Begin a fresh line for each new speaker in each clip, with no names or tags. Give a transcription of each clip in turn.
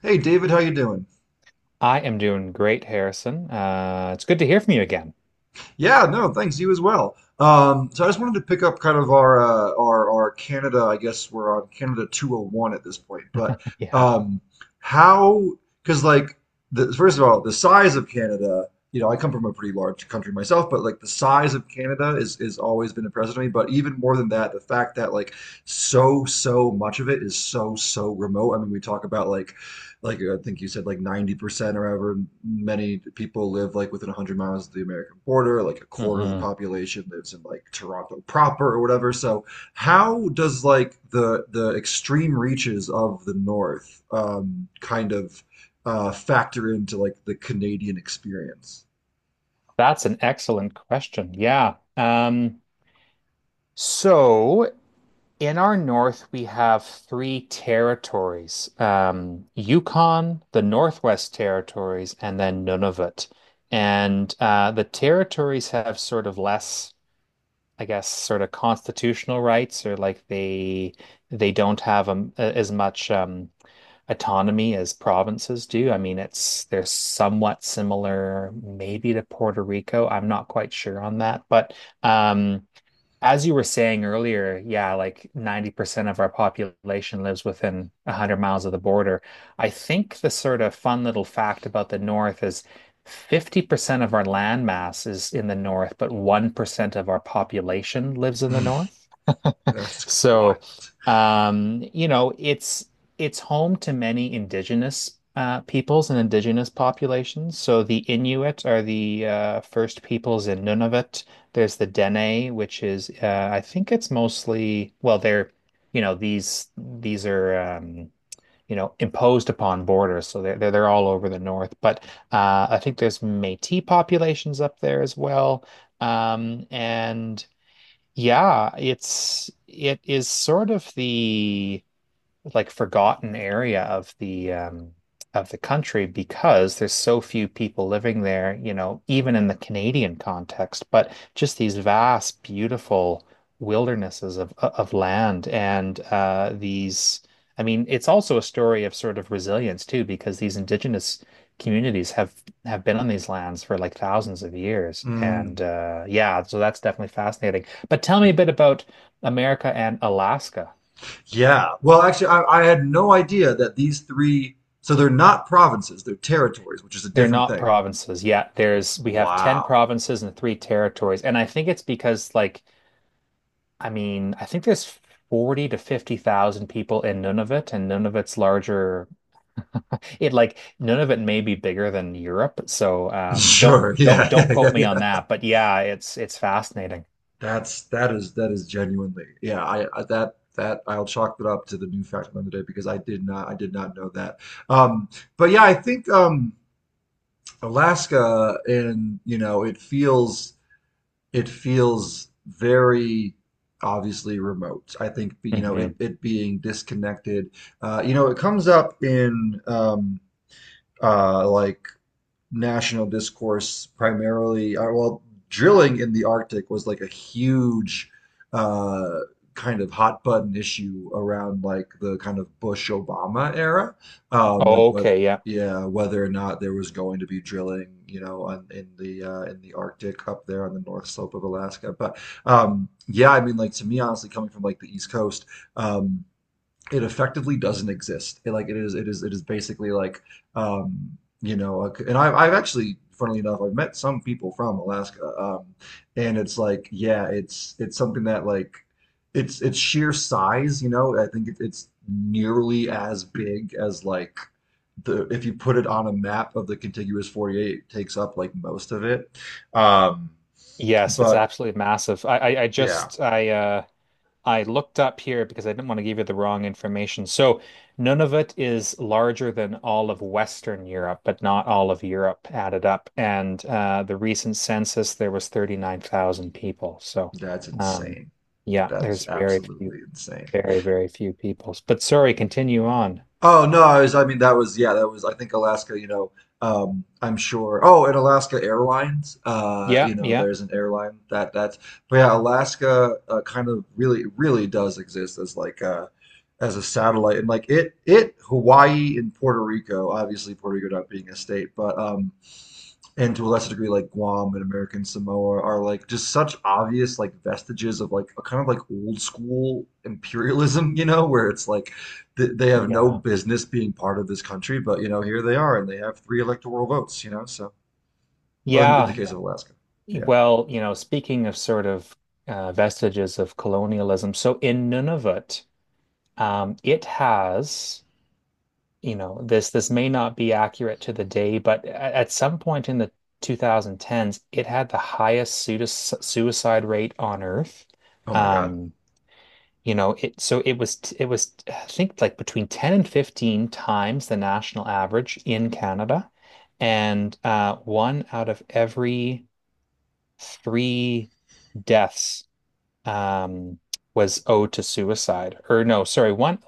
Hey, David, how you doing?
I am doing great, Harrison. It's good to hear from you again.
Yeah, no, thanks. You as well. So I just wanted to pick up kind of our Canada. I guess we're on Canada 201 at this point. But
Yeah.
um, how? Because like the, first of all, the size of Canada. You know, I come from a pretty large country myself, but like the size of Canada is always been impressive to me. But even more than that, the fact that like so much of it is so remote. I mean, we talk about like I think you said, like 90% or however many people live like within 100 miles of the American border, like a quarter of the
Hmm.
population lives in like Toronto proper or whatever. So how does like the extreme reaches of the North kind of factor into like the Canadian experience?
That's an excellent question. Yeah. So in our north, we have three territories, Yukon, the Northwest Territories, and then Nunavut. And the territories have sort of less, I guess, sort of constitutional rights, or like they don't have as much. Autonomy as provinces do. I mean, it's they're somewhat similar, maybe to Puerto Rico. I'm not quite sure on that, but um, as you were saying earlier, yeah, like 90% of our population lives within 100 miles of the border. I think the sort of fun little fact about the North is 50% of our land mass is in the North, but 1% of our population lives in the North.
That's wild.
So, um, you know, it's it's home to many indigenous peoples and indigenous populations. So the Inuit are the first peoples in Nunavut. There's the Dene, which is I think it's mostly. Well, they're these are imposed upon borders, so they're all over the north. But I think there's Métis populations up there as well. And yeah, it is sort of the like forgotten area of the country because there's so few people living there, even in the Canadian context, but just these vast, beautiful wildernesses of land and these I mean, it's also a story of sort of resilience too, because these indigenous communities have been on these lands for like thousands of years.
Mm.
And yeah, so that's definitely fascinating. But tell me a bit about America and Alaska.
Yeah. Well, actually, I had no idea that these three, so they're not provinces, they're territories, which is a
They're
different
not
thing.
provinces yet. There's we have 10
Wow.
provinces and three territories. And I think it's because like I mean, I think there's 40 to 50,000 people in Nunavut and Nunavut's larger. it like Nunavut may be bigger than Europe. So um don't
Sure.
don't
Yeah.
don't
Yeah. Yeah.
quote me on
Yeah.
that, but yeah, it's fascinating.
That's that is genuinely. Yeah. I that that I'll chalk it up to the new fact of the day because I did not know that. Um, but yeah, I think Alaska and you know it feels very obviously remote. I think you know it
Hmm.
it being disconnected. You know it comes up in like national discourse primarily well, drilling in the Arctic was like a huge uh, kind of hot button issue around like the kind of Bush Obama era, like what,
Okay, yeah.
yeah, whether or not there was going to be drilling, you know, on, in the Arctic up there on the north slope of Alaska. But Yeah, I mean, like, to me, honestly, coming from like the East Coast, um, it effectively doesn't exist. It, like it is basically like, um, you know, like, and I've actually, funnily enough, I've met some people from Alaska, and it's like, yeah, it's something that like, it's sheer size, you know, I think it, it's nearly as big as like the, if you put it on a map of the contiguous 48, it takes up like most of it. Um,
Yes, it's
but
absolutely massive. I
yeah,
just I looked up here because I didn't want to give you the wrong information. So Nunavut is larger than all of Western Europe, but not all of Europe added up. And the recent census, there was 39,000 people. So
that's
um,
insane.
yeah,
That is
there's very few,
absolutely insane.
very, very few people. But sorry, continue on.
Oh no, I was, I mean that was, yeah, that was, I think, Alaska, you know, I'm sure. Oh, and Alaska Airlines,
Yeah,
you know,
yeah,
there's an airline that that's. But yeah, Alaska, kind of really does exist as like as a satellite. And like it Hawaii and Puerto Rico, obviously Puerto Rico not being a state, but and to a lesser degree like Guam and American Samoa are like just such obvious like vestiges of like a kind of like old school imperialism, you know, where it's like th they have no
yeah,
business being part of this country, but you know, here they are and they have three electoral votes, you know, so well, in the
yeah.
case of Alaska. Yeah.
Well, speaking of sort of vestiges of colonialism, so in Nunavut, it has. You know, this may not be accurate to the day, but at some point in the 2010s, it had the highest suicide rate on Earth.
Oh my God.
Um, you know, it so it was I think like between 10 and 15 times the national average in Canada, and one out of every three deaths um, was owed to suicide. Or no, sorry, one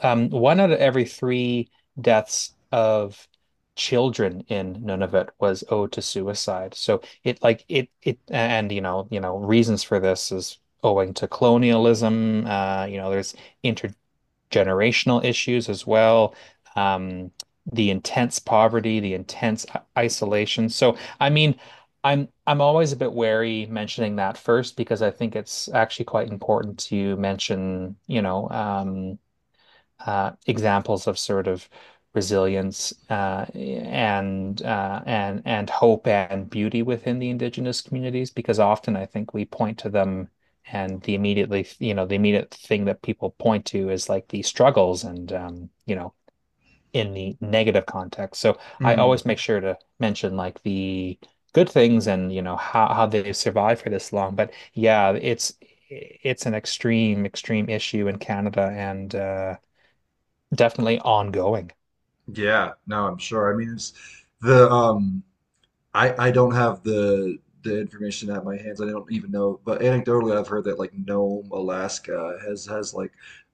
um, one out of every three deaths of children in Nunavut was owed to suicide. So it like it and you know reasons for this is owing to colonialism. There's intergenerational issues as well. Um, the intense poverty, the intense isolation. So I mean. I'm always a bit wary mentioning that first because I think it's actually quite important to mention, examples of sort of resilience and and hope and beauty within the indigenous communities, because often I think we point to them and the immediate thing that people point to is like the struggles and in the negative context. So I
Mm.
always make sure to mention like the good things and how they've survived for this long. But yeah, it's an extreme extreme issue in Canada and definitely ongoing.
Yeah. No, I'm sure. I mean, it's the I don't have the information at my hands. I don't even know, but anecdotally, I've heard that like Nome, Alaska has like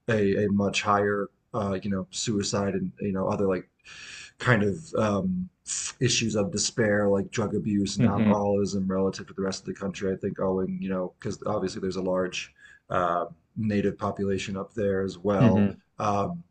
a much higher you know suicide and you know other like kind of issues of despair like drug abuse and
Hmm.
alcoholism relative to the rest of the country. I think owing, you know, because obviously there's a large uh, native population up there as well.
Hmm.
Um,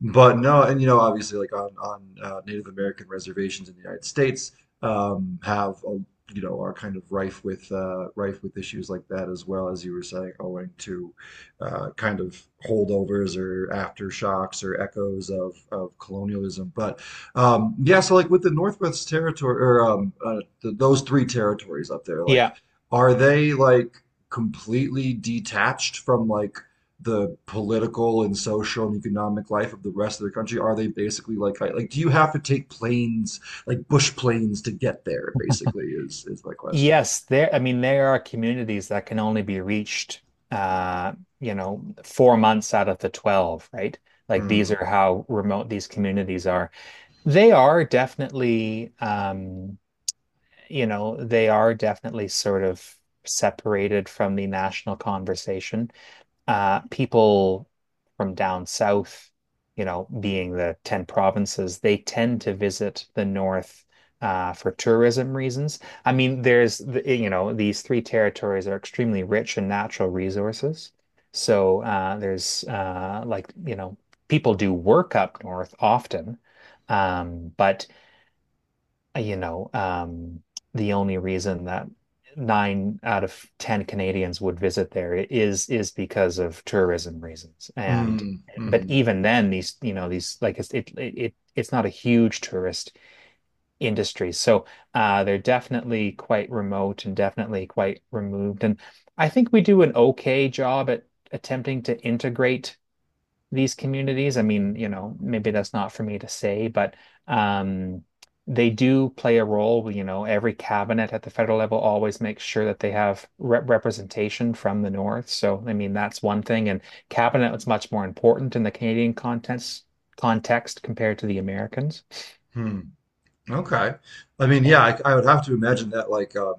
but no, and you know, obviously, like on Native American reservations in the United States, have a, you know, are kind of rife with rife with issues like that as well, as you were saying, owing to kind of holdovers or aftershocks or echoes of colonialism. But Yeah, so like with the Northwest Territory or the, those three territories up there, like,
Yeah.
are they like completely detached from like the political and social and economic life of the rest of the country? Are they basically like do you have to take planes like bush planes to get there? Basically, is my question.
Yes, I mean, there are communities that can only be reached, uh, 4 months out of the 12, right? Like these
Mm,
are how remote these communities are. They are definitely, you know, they are definitely sort of separated from the national conversation. People from down south, being the 10 provinces, they tend to visit the north for tourism reasons. I mean, there's, the, eh, you know, these three territories are extremely rich in natural resources. So there's like, you know, people do work up north often. Um, but you know, um, the only reason that nine out of ten Canadians would visit there is because of tourism reasons. And
mm,
but
mm,
even then, these you know these like it's it it it's not a huge tourist industry, so they're definitely quite remote and definitely quite removed. And I think we do an okay job at attempting to integrate these communities. I mean, maybe that's not for me to say, but um, they do play a role. Every cabinet at the federal level always makes sure that they have re representation from the North. So, I mean, that's one thing. And cabinet was much more important in the Canadian context compared to the Americans.
mm. Okay. I mean, yeah,
So,
I would have to imagine that like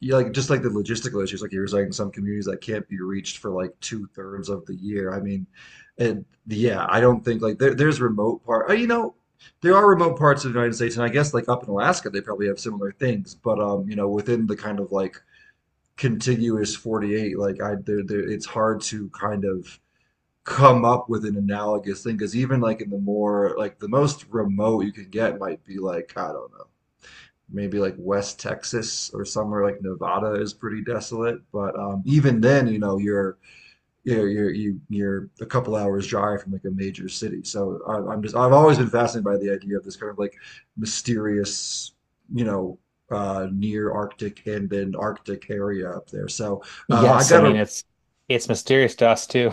yeah, like just like the logistical issues, like you were saying, some communities that can't be reached for like two-thirds of the year. I mean, and yeah, I don't think like there, there's remote part. You know, there are remote parts of the United States, and I guess like up in Alaska, they probably have similar things. But You know, within the kind of like contiguous 48, like I, there, it's hard to kind of come up with an analogous thing because even like in the more like the most remote you can get might be like I don't know, maybe like West Texas or somewhere like Nevada is pretty desolate. But Even then, you know, you're you- are you are you are you are a couple hours drive from like a major city. So I, I'm just I've always been fascinated by the idea of this kind of like mysterious, you know, near Arctic and then Arctic area up there. So I
yes, I mean,
gotta.
it's mysterious to us too.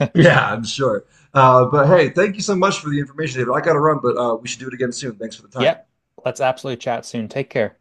Yeah, I'm sure. But hey, thank you so much for the information, David. I gotta run, but we should do it again soon. Thanks for the time.
Yep. Let's absolutely chat soon. Take care.